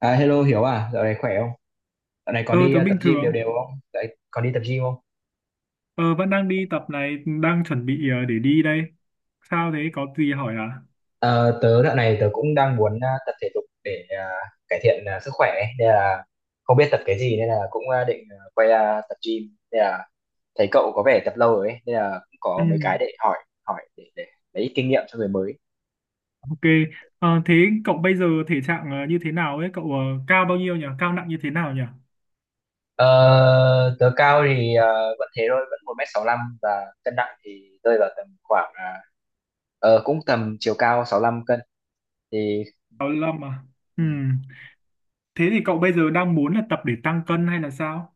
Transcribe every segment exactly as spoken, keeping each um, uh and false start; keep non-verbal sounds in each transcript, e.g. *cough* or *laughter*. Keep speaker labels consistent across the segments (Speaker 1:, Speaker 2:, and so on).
Speaker 1: À, hello Hiếu à, dạo này khỏe không? Dạo này còn
Speaker 2: Ờ,
Speaker 1: đi
Speaker 2: tớ
Speaker 1: ờ, tập
Speaker 2: bình
Speaker 1: gym đều
Speaker 2: thường.
Speaker 1: đều không? Dạo này còn đi tập gym không?
Speaker 2: Ờ, vẫn đang đi tập này. Đang chuẩn bị ờ, để đi đây. Sao thế, có gì hỏi à?
Speaker 1: Ờ, Tớ dạo này tớ cũng đang muốn ờ, tập thể dục để ờ, cải thiện ờ, sức khỏe ấy. Nên là không biết tập cái gì nên là cũng ờ, định ờ, quay ra tập gym. Nên là thấy cậu có vẻ tập lâu rồi ấy, nên là cũng
Speaker 2: Ừ.
Speaker 1: có mấy cái để hỏi hỏi để, để lấy ít kinh nghiệm cho người mới.
Speaker 2: Ok. Ờ. Thế cậu bây giờ thể trạng ờ, như thế nào ấy? Cậu ờ, cao bao nhiêu nhỉ? Cao nặng như thế nào nhỉ?
Speaker 1: Ờ, Tớ cao thì ờ, vẫn thế thôi, vẫn một mét sáu 65, và cân nặng thì rơi vào tầm khoảng ờ, ờ, cũng tầm chiều cao sáu lăm cân thì.
Speaker 2: sáu mươi lăm à? Ừ.
Speaker 1: Ừ.
Speaker 2: Thế thì cậu bây giờ đang muốn là tập để tăng cân hay là sao?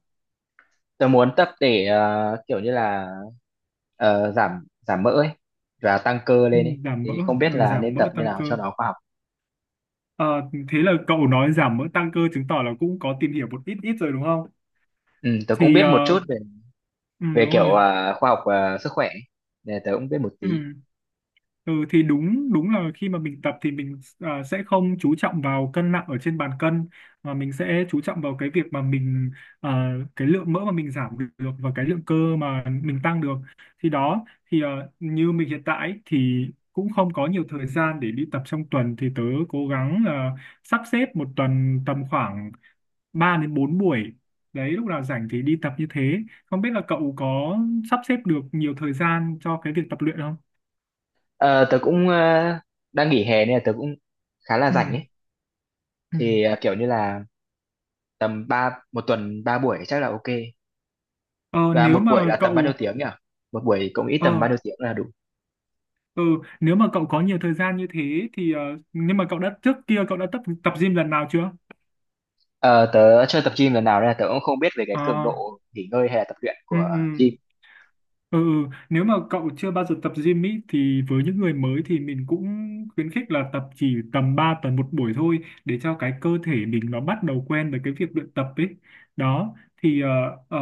Speaker 1: Tớ muốn tập để ờ, kiểu như là ờ, giảm giảm mỡ ấy và tăng cơ
Speaker 2: Ừ.
Speaker 1: lên ấy
Speaker 2: Giảm mỡ.
Speaker 1: thì không biết
Speaker 2: Ừ.
Speaker 1: là
Speaker 2: Giảm
Speaker 1: nên
Speaker 2: mỡ
Speaker 1: tập như
Speaker 2: tăng
Speaker 1: nào
Speaker 2: cơ.
Speaker 1: cho nó khoa học.
Speaker 2: Ờ. Thế là cậu nói giảm mỡ tăng cơ. Chứng tỏ là cũng có tìm hiểu một ít ít rồi đúng không?
Speaker 1: Ừ, tớ cũng
Speaker 2: Thì
Speaker 1: biết
Speaker 2: ờ,
Speaker 1: một chút về
Speaker 2: ừ,
Speaker 1: về
Speaker 2: đúng
Speaker 1: kiểu
Speaker 2: rồi.
Speaker 1: ờ, khoa học ờ, sức khỏe ấy. Nên tớ cũng biết một
Speaker 2: Ừ.
Speaker 1: tí.
Speaker 2: Ừ thì đúng đúng là khi mà mình tập thì mình à, sẽ không chú trọng vào cân nặng ở trên bàn cân, mà mình sẽ chú trọng vào cái việc mà mình, à, cái lượng mỡ mà mình giảm được và cái lượng cơ mà mình tăng được, thì đó. thì à, như mình hiện tại ấy, thì cũng không có nhiều thời gian để đi tập trong tuần, thì tớ cố gắng là sắp xếp một tuần tầm khoảng ba đến bốn buổi đấy, lúc nào rảnh thì đi tập như thế. Không biết là cậu có sắp xếp được nhiều thời gian cho cái việc tập luyện không?
Speaker 1: Ờ, Tớ cũng ờ, đang nghỉ hè nên là tớ cũng khá là
Speaker 2: Ừ.
Speaker 1: rảnh ấy,
Speaker 2: Ừ.
Speaker 1: thì ờ, kiểu như là tầm ba một tuần ba buổi chắc là ok,
Speaker 2: Ờ,
Speaker 1: và
Speaker 2: nếu
Speaker 1: một buổi
Speaker 2: mà
Speaker 1: là tầm bao nhiêu
Speaker 2: cậu
Speaker 1: tiếng nhỉ? Một buổi cũng ít
Speaker 2: ờ
Speaker 1: tầm bao nhiêu tiếng là đủ.
Speaker 2: ừ, Nếu mà cậu có nhiều thời gian như thế thì ờ, nhưng mà cậu đã, trước kia cậu đã tập tập gym lần nào chưa?
Speaker 1: Ờ, Tớ chưa tập gym lần nào nên là tớ cũng không biết về cái cường
Speaker 2: Ờ.
Speaker 1: độ nghỉ ngơi hay là tập luyện
Speaker 2: Ừ.
Speaker 1: của
Speaker 2: Ừ.
Speaker 1: gym.
Speaker 2: Ừ. Ừ. Nếu mà cậu chưa bao giờ tập gym ý, thì với những người mới thì mình cũng khuyến khích là tập chỉ tầm ba tuần một buổi thôi, để cho cái cơ thể mình nó bắt đầu quen với cái việc luyện tập ấy. Đó, thì ờ, ờ,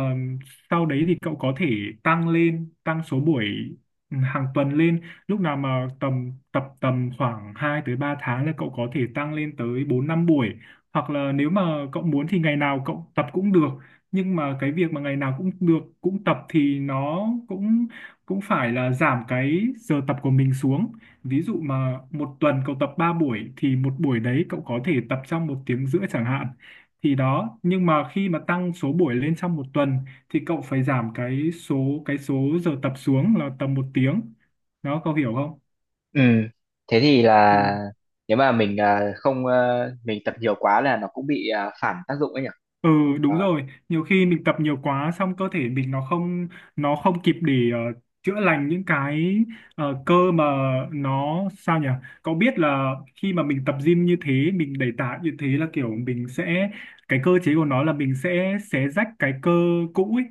Speaker 2: sau đấy thì cậu có thể tăng lên, tăng số buổi ừ, hàng tuần lên. Lúc nào mà tầm tập tầm khoảng hai tới ba tháng là cậu có thể tăng lên tới bốn năm buổi. Hoặc là nếu mà cậu muốn thì ngày nào cậu tập cũng được, nhưng mà cái việc mà ngày nào cũng được cũng tập thì nó cũng cũng phải là giảm cái giờ tập của mình xuống. Ví dụ mà một tuần cậu tập ba buổi thì một buổi đấy cậu có thể tập trong một tiếng rưỡi chẳng hạn, thì đó. Nhưng mà khi mà tăng số buổi lên trong một tuần thì cậu phải giảm cái số cái số giờ tập xuống là tầm một tiếng. Đó, cậu hiểu không?
Speaker 1: Ừ, thế thì
Speaker 2: Ừ.
Speaker 1: là nếu mà mình à, không ờ, mình tập nhiều quá là nó cũng bị à, phản tác dụng ấy nhỉ?
Speaker 2: Ừ đúng
Speaker 1: Đó.
Speaker 2: rồi, nhiều khi mình tập nhiều quá xong cơ thể mình nó không nó không kịp để ờ, chữa lành những cái ờ, cơ, mà nó sao nhỉ? Cậu biết là khi mà mình tập gym như thế, mình đẩy tạ như thế là kiểu mình sẽ, cái cơ chế của nó là mình sẽ xé rách cái cơ cũ ấy,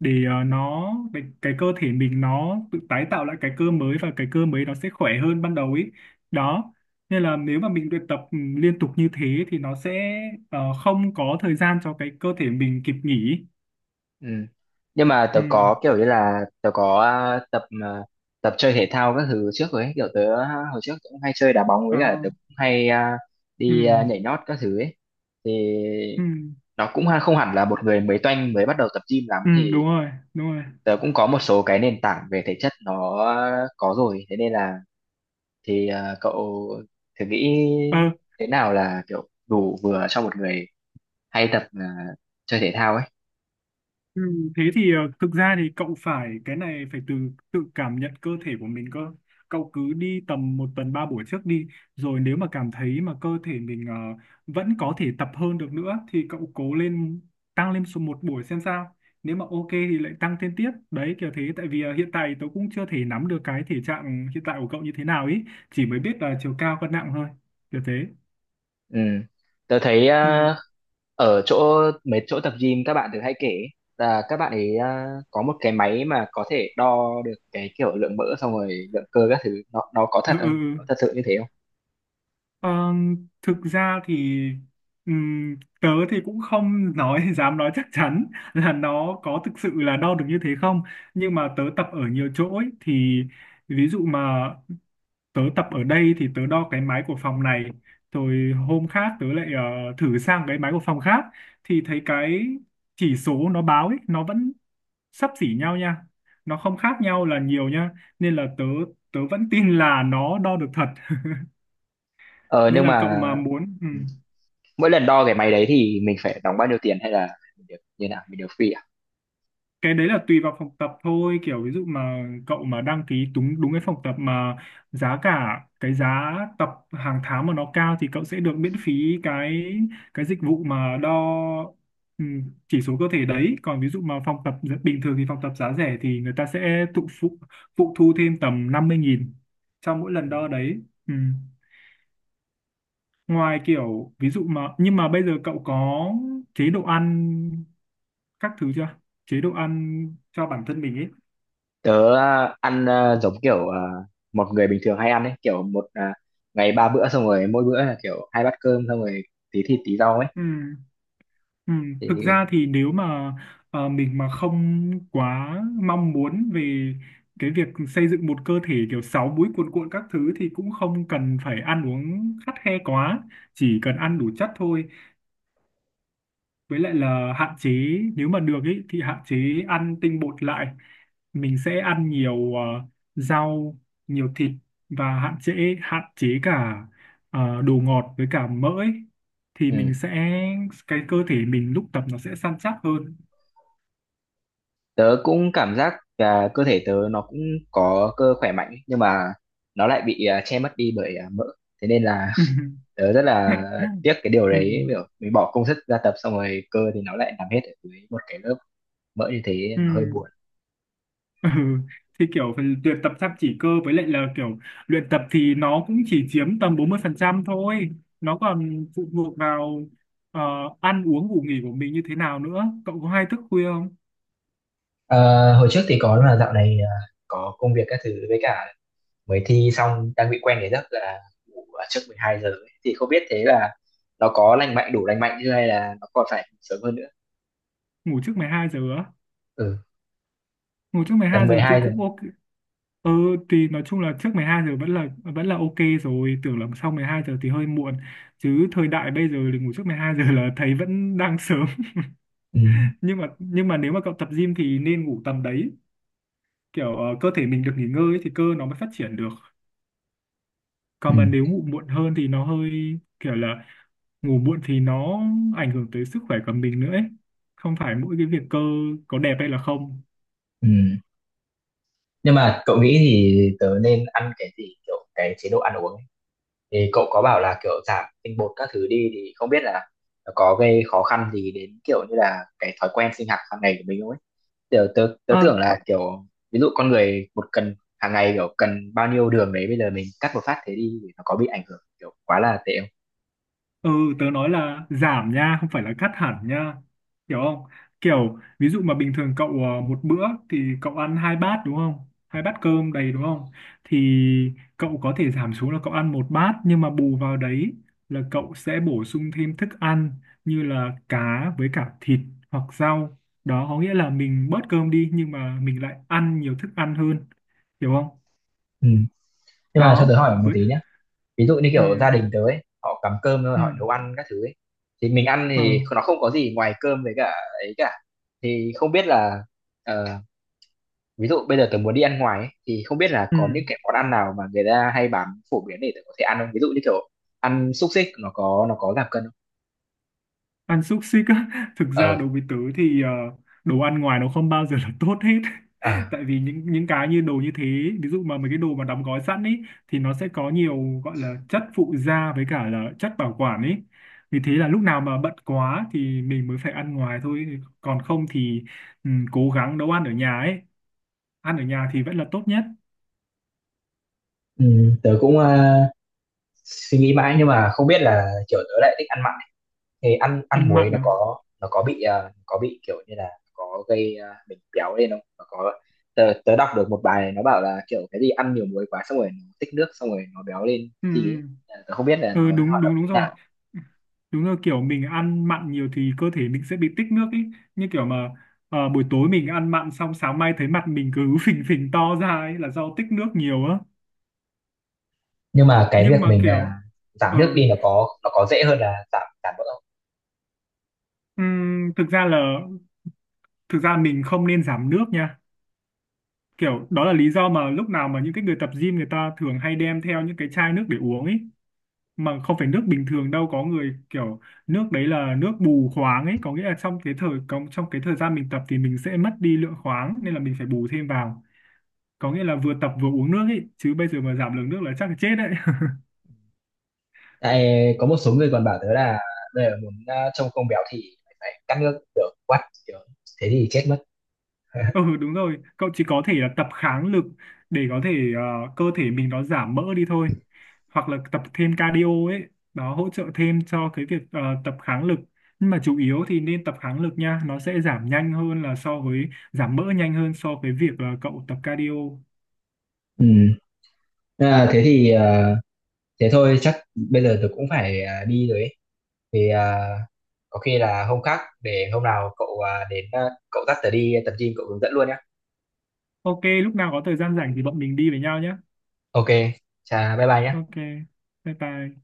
Speaker 2: để ờ, nó để cái cơ thể mình nó tự tái tạo lại cái cơ mới, và cái cơ mới nó sẽ khỏe hơn ban đầu ấy, đó. Nên là nếu mà mình luyện tập ừ, liên tục như thế thì nó sẽ ờ, không có thời gian cho cái cơ thể mình kịp nghỉ.
Speaker 1: Ừ. Nhưng mà
Speaker 2: Ừ.
Speaker 1: tớ có kiểu như là tớ có à, tập à, tập chơi thể thao các thứ trước rồi ấy, kiểu tớ à, hồi trước cũng hay chơi đá bóng với
Speaker 2: Ờ.
Speaker 1: cả tớ cũng hay à,
Speaker 2: Ừ.
Speaker 1: đi à, nhảy nhót các thứ ấy. Thì
Speaker 2: Ừ.
Speaker 1: nó cũng ha- không hẳn là một người mới toanh mới bắt đầu tập gym lắm,
Speaker 2: Ừ, đúng
Speaker 1: thì
Speaker 2: rồi, đúng rồi.
Speaker 1: tớ cũng có một số cái nền tảng về thể chất nó có rồi, thế nên là thì à, cậu thử nghĩ
Speaker 2: Ờ.
Speaker 1: thế nào là kiểu đủ vừa cho một người hay tập à, chơi thể thao ấy.
Speaker 2: Ừ, thế thì ờ, thực ra thì cậu phải, cái này phải từ tự cảm nhận cơ thể của mình cơ. Cậu cứ đi tầm một tuần ba buổi trước đi, rồi nếu mà cảm thấy mà cơ thể mình ờ, vẫn có thể tập hơn được nữa thì cậu cố lên, tăng lên số một buổi xem sao. Nếu mà ok thì lại tăng thêm tiếp đấy, kiểu thế. Tại vì ờ, hiện tại tớ cũng chưa thể nắm được cái thể trạng hiện tại của cậu như thế nào ý, chỉ mới biết là chiều cao cân nặng thôi, kiểu thế.
Speaker 1: Ừ, tớ thấy
Speaker 2: Ừ.
Speaker 1: à, ở chỗ mấy chỗ tập gym các bạn thường hay kể ấy, là các bạn ấy à, có một cái máy mà có thể đo được cái kiểu lượng mỡ, xong rồi lượng cơ các thứ, nó nó có
Speaker 2: Ừ.
Speaker 1: thật
Speaker 2: Ừ.
Speaker 1: không,
Speaker 2: Ừ.
Speaker 1: có thật sự như thế không?
Speaker 2: Ờ, thực ra thì ừm, tớ thì cũng không nói *laughs* dám nói chắc chắn là nó có thực sự là đo được như thế không. Nhưng mà tớ tập ở nhiều chỗ ấy, thì ví dụ mà tớ tập ở đây thì tớ đo cái máy của phòng này, rồi hôm khác tớ lại ờ, thử sang cái máy của phòng khác, thì thấy cái chỉ số nó báo ấy nó vẫn xấp xỉ nhau nha, nó không khác nhau là nhiều nha, nên là tớ tớ vẫn tin là nó đo được thật. *laughs*
Speaker 1: ờ
Speaker 2: Nên
Speaker 1: nhưng
Speaker 2: là cậu
Speaker 1: mà
Speaker 2: mà muốn. Ừ.
Speaker 1: ừ, mỗi lần đo cái máy đấy thì mình phải đóng bao nhiêu tiền, hay là mình được như nào, mình được free à?
Speaker 2: Cái đấy là tùy vào phòng tập thôi, kiểu ví dụ mà cậu mà đăng ký đúng đúng cái phòng tập mà giá cả, cái giá tập hàng tháng mà nó cao, thì cậu sẽ được miễn phí cái cái dịch vụ mà đo ừ, chỉ số cơ thể đấy. Còn ví dụ mà phòng tập bình thường thì phòng tập giá rẻ thì người ta sẽ thụ phụ phụ thu thêm tầm năm mươi nghìn cho mỗi lần
Speaker 1: Ừ,
Speaker 2: đo đấy. Ừ. Ngoài kiểu ví dụ mà, nhưng mà bây giờ cậu có chế độ ăn các thứ chưa? Chế độ ăn cho bản thân mình ấy.
Speaker 1: tớ à, ăn à, giống kiểu à, một người bình thường hay ăn ấy, kiểu một à, ngày ba bữa, xong rồi mỗi bữa là kiểu hai bát cơm, xong rồi tí thịt tí rau ấy
Speaker 2: Ừ. Ừ. Thực
Speaker 1: thì.
Speaker 2: ra thì nếu mà ờ, mình mà không quá mong muốn về cái việc xây dựng một cơ thể kiểu sáu múi cuồn cuộn các thứ, thì cũng không cần phải ăn uống khắt khe quá, chỉ cần ăn đủ chất thôi, với lại là hạn chế. Nếu mà được ý, thì hạn chế ăn tinh bột lại, mình sẽ ăn nhiều ờ, rau, nhiều thịt, và hạn chế hạn chế cả ờ, đồ ngọt với cả mỡ ấy. Thì mình
Speaker 1: Ừ.
Speaker 2: sẽ, cái cơ thể mình lúc tập nó sẽ săn chắc hơn.
Speaker 1: Tớ cũng cảm giác là cơ thể tớ nó cũng có cơ khỏe mạnh ấy, nhưng mà nó lại bị à, che mất đi bởi à, mỡ, thế nên là *laughs* tớ rất là
Speaker 2: *laughs*
Speaker 1: tiếc cái điều
Speaker 2: Ừ.
Speaker 1: đấy, kiểu mình bỏ công sức ra tập xong rồi cơ thì nó lại nằm hết ở dưới một cái lớp mỡ như thế,
Speaker 2: Ừ.
Speaker 1: nó hơi buồn.
Speaker 2: *laughs* Ừ, thì kiểu phần luyện tập chăm chỉ cơ, với lại là kiểu luyện tập thì nó cũng chỉ chiếm tầm bốn mươi phần trăm thôi, nó còn phụ thuộc vào ờ, ăn uống ngủ nghỉ của mình như thế nào nữa. Cậu có hay thức khuya không?
Speaker 1: Ờ, Hồi trước thì có, là dạo này à, có công việc các thứ, với cả mới thi xong, đang bị quen cái giấc là ngủ ở trước mười hai giờ ấy. Thì không biết thế là nó có lành mạnh, đủ lành mạnh chưa, hay là nó còn phải sớm hơn nữa.
Speaker 2: Ngủ trước mười hai giờ á?
Speaker 1: Ừ,
Speaker 2: Ngủ trước mười
Speaker 1: tầm
Speaker 2: hai giờ thì
Speaker 1: mười hai giờ.
Speaker 2: cũng ok. Ừ, thì nói chung là trước mười hai giờ vẫn là vẫn là ok, rồi tưởng là sau mười hai giờ thì hơi muộn, chứ thời đại bây giờ thì ngủ trước mười hai giờ là thấy vẫn đang sớm.
Speaker 1: Ừ,
Speaker 2: *laughs* nhưng mà nhưng mà nếu mà cậu tập gym thì nên ngủ tầm đấy, kiểu ờ, cơ thể mình được nghỉ ngơi ấy thì cơ nó mới phát triển được.
Speaker 1: ừ,
Speaker 2: Còn mà nếu ngủ muộn hơn thì nó hơi, kiểu là, ngủ muộn thì nó ảnh hưởng tới sức khỏe của mình nữa ấy, không phải mỗi cái việc cơ có đẹp hay là không.
Speaker 1: ừ. Nhưng mà cậu nghĩ thì tớ nên ăn cái gì, kiểu cái chế độ ăn uống ấy. Thì cậu có bảo là kiểu giảm tinh bột các thứ đi, thì không biết là nó có gây khó khăn gì đến kiểu như là cái thói quen sinh hoạt hàng ngày của mình không ấy, kiểu tớ, tớ tưởng là kiểu ví dụ con người một cần hàng ngày, kiểu cần bao nhiêu đường đấy, bây giờ mình cắt một phát thế đi thì nó có bị ảnh hưởng kiểu quá là tệ không?
Speaker 2: Ừ, tớ nói là giảm nha, không phải là cắt hẳn nha. Hiểu không? Kiểu, ví dụ mà bình thường cậu ờ, một bữa thì cậu ăn hai bát đúng không? Hai bát cơm đầy đúng không? Thì cậu có thể giảm xuống là cậu ăn một bát, nhưng mà bù vào đấy là cậu sẽ bổ sung thêm thức ăn như là cá với cả thịt hoặc rau. Đó có nghĩa là mình bớt cơm đi, nhưng mà mình lại ăn nhiều thức ăn hơn. Hiểu không?
Speaker 1: Ừ. Nhưng mà cho
Speaker 2: Đó.
Speaker 1: tớ hỏi một
Speaker 2: Với...
Speaker 1: tí nhé. Ví dụ như
Speaker 2: Ừ.
Speaker 1: kiểu gia đình tớ ấy, họ cắm cơm rồi
Speaker 2: Ừ.
Speaker 1: họ nấu ăn các thứ ấy. Thì mình ăn
Speaker 2: Ờ.
Speaker 1: thì nó không có gì ngoài cơm với cả ấy cả. Thì không biết là ờ, ví dụ bây giờ tớ muốn đi ăn ngoài ấy, thì không biết là
Speaker 2: Ừ.
Speaker 1: có những cái món ăn nào mà người ta hay bán phổ biến để tớ có thể ăn không? Ví dụ như kiểu ăn xúc xích nó có nó có giảm cân không?
Speaker 2: Ăn xúc xích á? *laughs* Thực ra
Speaker 1: ờ
Speaker 2: đối với tớ thì ờ, đồ ăn ngoài nó không bao giờ là tốt hết. *laughs*
Speaker 1: à,
Speaker 2: Tại vì những những cái như đồ như thế, ví dụ mà mấy cái đồ mà đóng gói sẵn ấy thì nó sẽ có nhiều gọi là chất phụ gia với cả là chất bảo quản ấy, vì thế là lúc nào mà bận quá thì mình mới phải ăn ngoài thôi, còn không thì ừ, cố gắng nấu ăn ở nhà ấy. Ăn ở nhà thì vẫn là tốt nhất.
Speaker 1: Ừ, tớ cũng ờ, suy nghĩ mãi nhưng mà không biết là kiểu tớ lại thích ăn mặn, thì ăn ăn
Speaker 2: Ăn
Speaker 1: muối
Speaker 2: mặn
Speaker 1: nó
Speaker 2: à?
Speaker 1: có nó có bị ờ, có bị kiểu như là có gây ờ, mình béo lên không, nó có. Tớ, tớ đọc được một bài này nó bảo là kiểu cái gì ăn nhiều muối quá xong rồi nó tích nước xong rồi nó béo lên
Speaker 2: Ừ.
Speaker 1: cái gì ấy. Ờ, tớ không biết là
Speaker 2: Ừ.
Speaker 1: nó
Speaker 2: Ừ đúng
Speaker 1: hoạt động
Speaker 2: đúng đúng
Speaker 1: như
Speaker 2: rồi,
Speaker 1: nào,
Speaker 2: đúng rồi, kiểu mình ăn mặn nhiều thì cơ thể mình sẽ bị tích nước ấy. Như kiểu mà ờ, buổi tối mình ăn mặn xong sáng mai thấy mặt mình cứ *laughs* phình phình to ra ấy là do tích nước nhiều á.
Speaker 1: nhưng mà cái
Speaker 2: Nhưng
Speaker 1: việc
Speaker 2: mà
Speaker 1: mình ờ,
Speaker 2: kiểu
Speaker 1: giảm
Speaker 2: ờ
Speaker 1: nước đi nó có nó có dễ hơn là giảm giảm mỡ không?
Speaker 2: ừm, thực ra là thực ra mình không nên giảm nước nha. Kiểu đó là lý do mà lúc nào mà những cái người tập gym người ta thường hay đem theo những cái chai nước để uống ấy, mà không phải nước bình thường đâu, có người kiểu, nước đấy là nước bù khoáng ấy, có nghĩa là trong cái thời trong trong cái thời gian mình tập thì mình sẽ mất đi lượng khoáng, nên là mình phải bù thêm vào. Có nghĩa là vừa tập vừa uống nước ấy, chứ bây giờ mà giảm lượng nước là chắc là chết đấy.
Speaker 1: Tại có một số người còn bảo tớ là bây giờ muốn ờ, trông không béo thì phải cắt nước, kiểu quắt, kiểu thế thì chết mất. *laughs*
Speaker 2: Ừ đúng rồi, cậu chỉ có thể là tập kháng lực để có thể ờ, cơ thể mình nó giảm mỡ đi thôi. Hoặc là tập thêm cardio ấy, nó hỗ trợ thêm cho cái việc ờ, tập kháng lực. Nhưng mà chủ yếu thì nên tập kháng lực nha, nó sẽ giảm nhanh hơn là so với, giảm mỡ nhanh hơn so với việc là cậu tập cardio.
Speaker 1: Ừ. À, thế thì à, thế thôi, chắc bây giờ tôi cũng phải à, đi rồi ấy. Thì à, có khi là hôm khác, để hôm nào cậu à, đến à, cậu dắt tớ đi tập gym, cậu hướng dẫn luôn nhé.
Speaker 2: Ok, lúc nào có thời gian rảnh thì bọn mình đi với nhau nhé.
Speaker 1: Ok, chà bye bye nhé.
Speaker 2: Ok, bye bye.